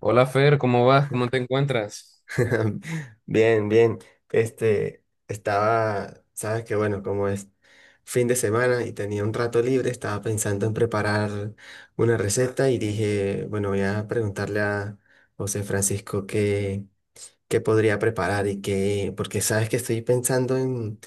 Hola Fer, ¿cómo vas? ¿Cómo te encuentras? Bien, bien. Sabes que bueno, como es fin de semana y tenía un rato libre, estaba pensando en preparar una receta y dije, bueno, voy a preguntarle a José Francisco qué podría preparar porque sabes que estoy pensando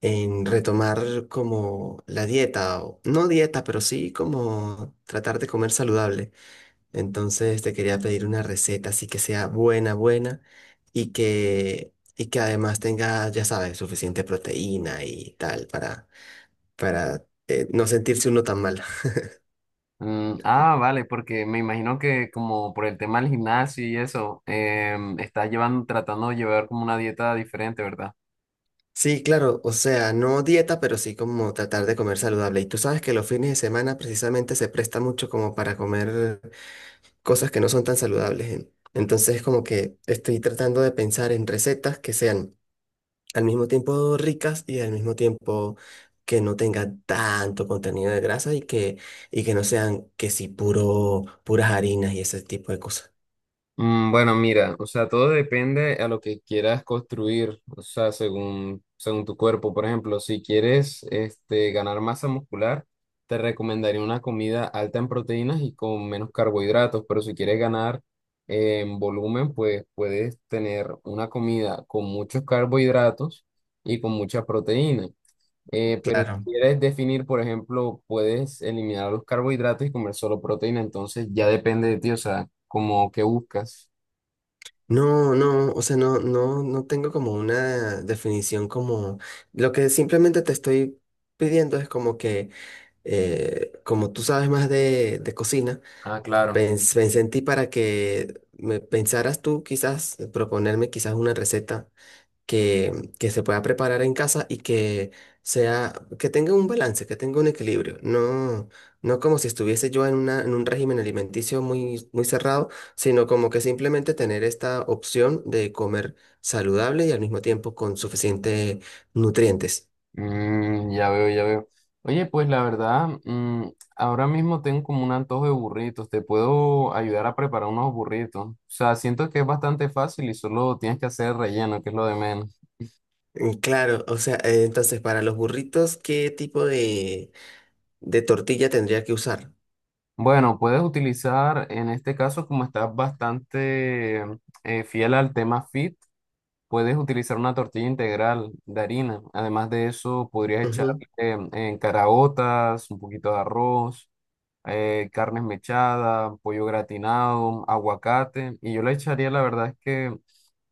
en retomar como la dieta, o no dieta, pero sí como tratar de comer saludable. Entonces te quería pedir una receta así que sea buena, buena y que además tenga, ya sabes, suficiente proteína y tal para no sentirse uno tan mal. Vale, porque me imagino que como por el tema del gimnasio y eso, estás llevando, tratando de llevar como una dieta diferente, ¿verdad? Sí, claro, o sea, no dieta, pero sí como tratar de comer saludable. Y tú sabes que los fines de semana precisamente se presta mucho como para comer cosas que no son tan saludables, ¿eh? Entonces como que estoy tratando de pensar en recetas que sean al mismo tiempo ricas y al mismo tiempo que no tengan tanto contenido de grasa y que no sean que sí puras harinas y ese tipo de cosas. Bueno, mira, o sea, todo depende a lo que quieras construir, o sea, según tu cuerpo. Por ejemplo, si quieres este, ganar masa muscular, te recomendaría una comida alta en proteínas y con menos carbohidratos, pero si quieres ganar en volumen, pues puedes tener una comida con muchos carbohidratos y con mucha proteína. Pero si Claro. quieres definir, por ejemplo, puedes eliminar los carbohidratos y comer solo proteína, entonces ya depende de ti, o sea, como que buscas. No, o sea, no tengo como una definición como lo que simplemente te estoy pidiendo es como que como tú sabes más de cocina, Ah, claro. Pensé en ti para que me pensaras tú quizás, proponerme quizás una receta que, que se pueda preparar en casa y sea, que tenga un balance, que tenga un equilibrio. No, no como si estuviese yo en en un régimen alimenticio muy cerrado, sino como que simplemente tener esta opción de comer saludable y al mismo tiempo con suficientes nutrientes. Ya veo, ya veo. Oye, pues la verdad, ahora mismo tengo como un antojo de burritos. Te puedo ayudar a preparar unos burritos. O sea, siento que es bastante fácil y solo tienes que hacer relleno, que es lo de menos. Mm, claro, o sea, entonces para los burritos, ¿qué tipo de tortilla tendría que usar? Bueno, puedes utilizar, en este caso, como estás bastante fiel al tema fit, puedes utilizar una tortilla integral de harina. Además de eso, podrías echarle Ujú, caraotas, un poquito de arroz. Carnes mechadas, pollo gratinado, aguacate, y yo le echaría, la verdad es que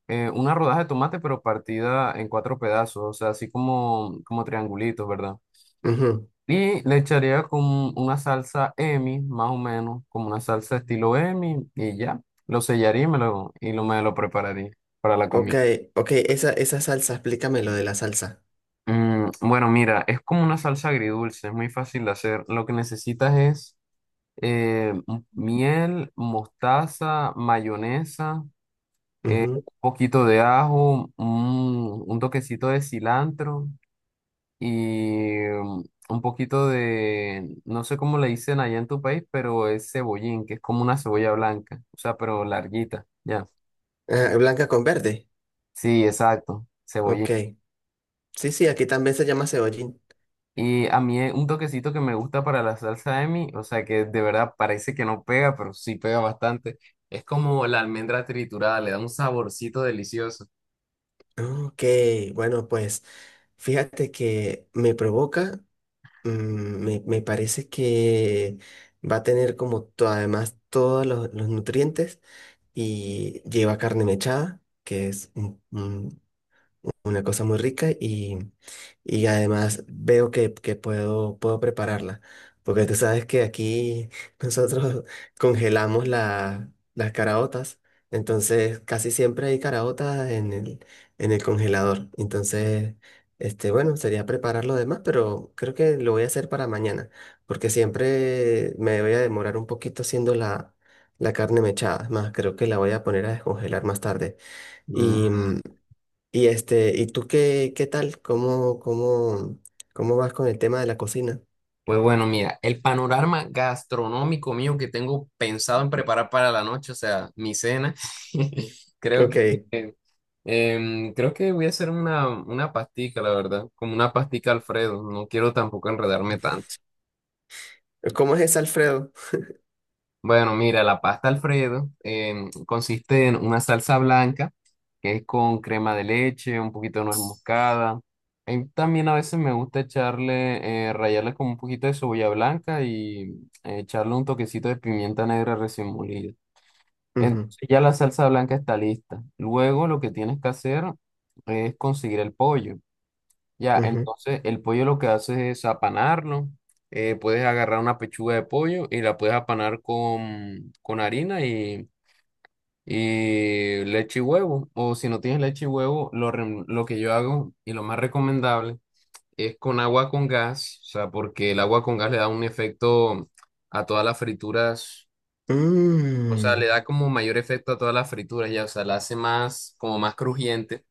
una rodaja de tomate, pero partida en cuatro pedazos, o sea, así como, como triangulitos, ¿verdad? ujú. Y le echaría con una salsa Emi, más o menos, como una salsa estilo Emi, y ya, lo sellaría y me lo prepararía para la Ok, comida. ok, esa salsa, explícame lo de la salsa. Bueno, mira, es como una salsa agridulce, es muy fácil de hacer. Lo que necesitas es miel, mostaza, mayonesa, un poquito de ajo, un toquecito de cilantro y un poquito de, no sé cómo le dicen allá en tu país, pero es cebollín, que es como una cebolla blanca, o sea, pero larguita, ya. Ah, blanca con verde. Sí, exacto, cebollín. Ok. Sí, sí, aquí también se llama cebollín. Y a mí un toquecito que me gusta para la salsa de mi, o sea, que de verdad parece que no pega, pero sí pega bastante. Es como la almendra triturada, le da un saborcito delicioso. Ok, bueno, pues fíjate que me provoca, mm, me parece que va a tener como además todos los nutrientes y lleva carne mechada, que es una cosa muy rica y además veo que puedo prepararla, porque tú sabes que aquí nosotros congelamos las caraotas, entonces casi siempre hay caraotas en en el congelador, entonces, este, bueno, sería preparar lo demás, pero creo que lo voy a hacer para mañana, porque siempre me voy a demorar un poquito haciendo la... La carne mechada, es más, creo que la voy a poner a descongelar más tarde. Y, Mm, y este, ¿y tú qué tal? Cómo vas con el tema de la cocina? Pues bueno, mira, el panorama gastronómico mío que tengo pensado en preparar para la noche, o sea, mi cena, creo Ok, que eh, creo que voy a hacer una pastica, la verdad, como una pastica Alfredo, no quiero tampoco enredarme tanto. ¿cómo es ese Alfredo? Bueno, mira, la pasta Alfredo consiste en una salsa blanca que es con crema de leche, un poquito de nuez moscada. Y también a veces me gusta echarle, rallarle con un poquito de cebolla blanca y echarle un toquecito de pimienta negra recién molida. Ujú, Entonces ya la salsa blanca está lista. Luego lo que tienes que hacer es conseguir el pollo. Ya, ujú. entonces el pollo lo que hace es apanarlo. Puedes agarrar una pechuga de pollo y la puedes apanar con harina y leche y huevo. O si no tienes leche y huevo, lo que yo hago y lo más recomendable es con agua con gas, o sea, porque el agua con gas le da un efecto a todas las frituras, o sea, le Mm, da como mayor efecto a todas las frituras, ya, o sea, la hace más, como más crujiente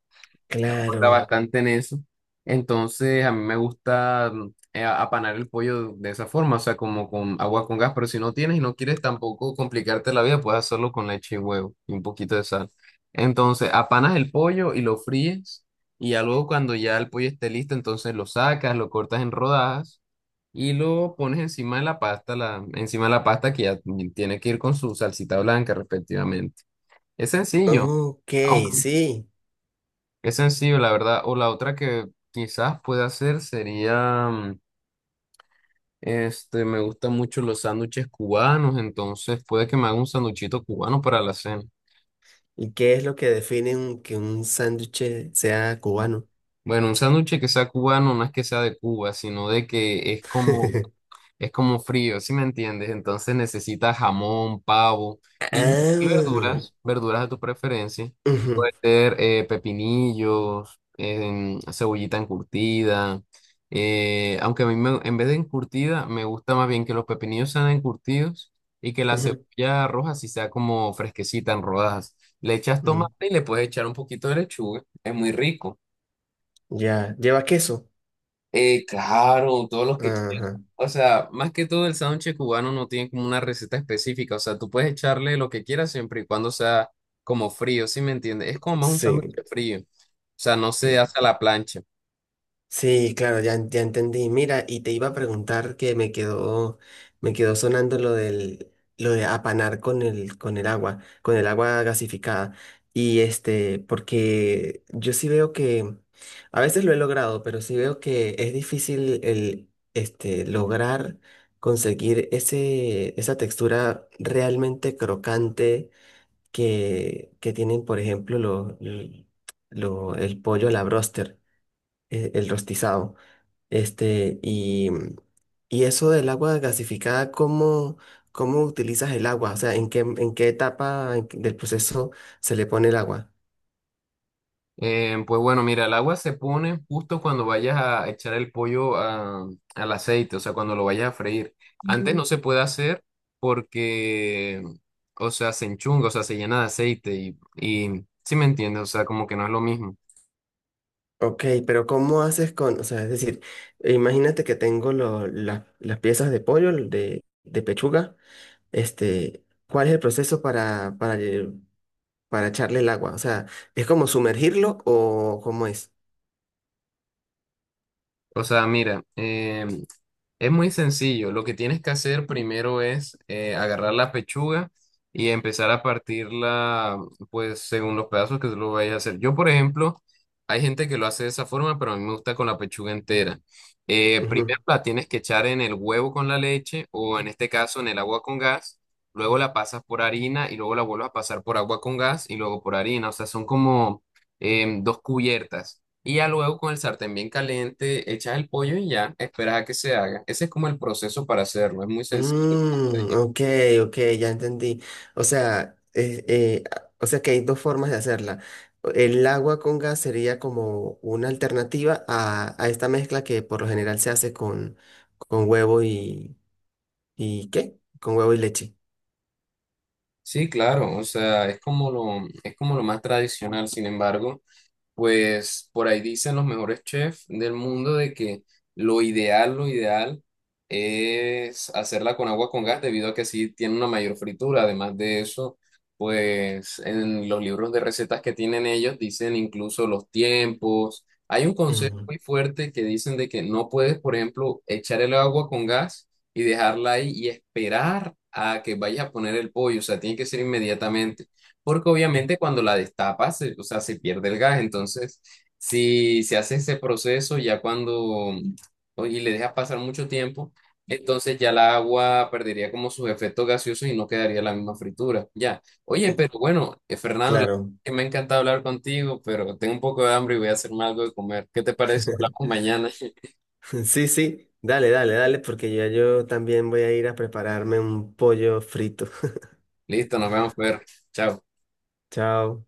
importa claro. bastante en eso. Entonces, a mí me gusta apanar el pollo de esa forma, o sea, como con agua con gas, pero si no tienes y no quieres tampoco complicarte la vida, puedes hacerlo con leche y huevo y un poquito de sal. Entonces, apanas el pollo y lo fríes y ya luego cuando ya el pollo esté listo, entonces lo sacas, lo cortas en rodajas y lo pones encima de la pasta, encima de la pasta que ya tiene que ir con su salsita blanca respectivamente. Es sencillo. Ok, Aunque sí. es sencillo, la verdad. O la otra que quizás pueda hacer sería, este, me gustan mucho los sándwiches cubanos, entonces puede que me haga un sanduchito cubano para la cena. ¿Y qué es lo que define que un sándwich sea cubano? Bueno, un sándwich que sea cubano no es que sea de Cuba, sino de que es como frío, ¿sí me entiendes? Entonces necesitas jamón, pavo y, y Ah, verduras, verduras de tu preferencia. ujú, Puede ser pepinillos, cebollita encurtida. Aunque a mí me- en vez de encurtida, me gusta más bien que los pepinillos sean encurtidos y que la ujú, cebolla roja sí sea como fresquecita en rodajas. Le echas mm, tomate y le puedes echar un poquito de lechuga. Es muy rico. ya, ¿lleva queso? Claro, todos los que quieran. Ajá, O sea, más que todo el sándwich cubano no tiene como una receta específica. O sea, tú puedes echarle lo que quieras siempre y cuando sea como frío, ¿sí me entiendes? Es como más un sí. sándwich frío. O sea, no se hace a la plancha. Sí, claro, ya, ya entendí. Mira, y te iba a preguntar que me quedó sonando lo lo de apanar con con el agua gasificada. Y este, porque yo sí veo que, a veces lo he logrado, pero sí veo que es difícil el, este, lograr conseguir esa textura realmente crocante que tienen, por ejemplo, el pollo a la broster, el rostizado. Este, y eso del agua gasificada, cómo utilizas el agua? O sea, en qué etapa del proceso se le pone el agua? Pues bueno, mira, el agua se pone justo cuando vayas a echar el pollo al aceite, o sea, cuando lo vayas a freír. Antes Ujú. No Ujú. Se puede hacer porque, o sea, se enchunga, o sea, se llena de aceite y, ¿sí me entiendes? O sea, como que no es lo mismo. Ok, pero ¿cómo haces con, o sea, es decir, imagínate que tengo las piezas de pollo, de pechuga, este, ¿cuál es el proceso para echarle el agua? O sea, ¿es como sumergirlo o cómo es? O sea, mira, es muy sencillo. Lo que tienes que hacer primero es agarrar la pechuga y empezar a partirla, pues, según los pedazos que tú lo vayas a hacer. Yo, por ejemplo, hay gente que lo hace de esa forma, pero a mí me gusta con la pechuga entera. Primero la tienes que echar en el huevo con la leche o en este caso en el agua con gas. Luego la pasas por harina y luego la vuelves a pasar por agua con gas y luego por harina. O sea, son como dos cubiertas. Y ya luego con el sartén bien caliente, echas el pollo y ya, esperas a que se haga. Ese es como el proceso para hacerlo, es muy sencillo, como te Mm, digo. ok, ok, ya entendí. O sea, o sea que hay dos formas de hacerla. El agua con gas sería como una alternativa a esta mezcla que por lo general se hace con huevo y ¿qué? Con huevo y leche. Sí, claro, o sea, es como lo más tradicional. Sin embargo, pues por ahí dicen los mejores chefs del mundo de que lo ideal es hacerla con agua con gas debido a que así tiene una mayor fritura. Además de eso, pues en los libros de recetas que tienen ellos dicen incluso los tiempos. Hay un consejo Mm, muy fuerte que dicen de que no puedes, por ejemplo, echar el agua con gas y dejarla ahí y esperar a que vayas a poner el pollo. O sea, tiene que ser inmediatamente. Porque obviamente cuando la destapas, o sea, se pierde el gas. Entonces, si se hace ese proceso ya cuando, y le dejas pasar mucho tiempo, entonces ya la agua perdería como sus efectos gaseosos y no quedaría la misma fritura. Ya. Oye, pero bueno, Fernando, claro. que me ha encantado hablar contigo, pero tengo un poco de hambre y voy a hacerme algo de comer. ¿Qué te parece? Hablamos mañana. Sí, sí. Dale, dale, dale, porque ya yo también voy a ir a prepararme un pollo frito. Listo, nos vemos, Fer. Chao. Chao.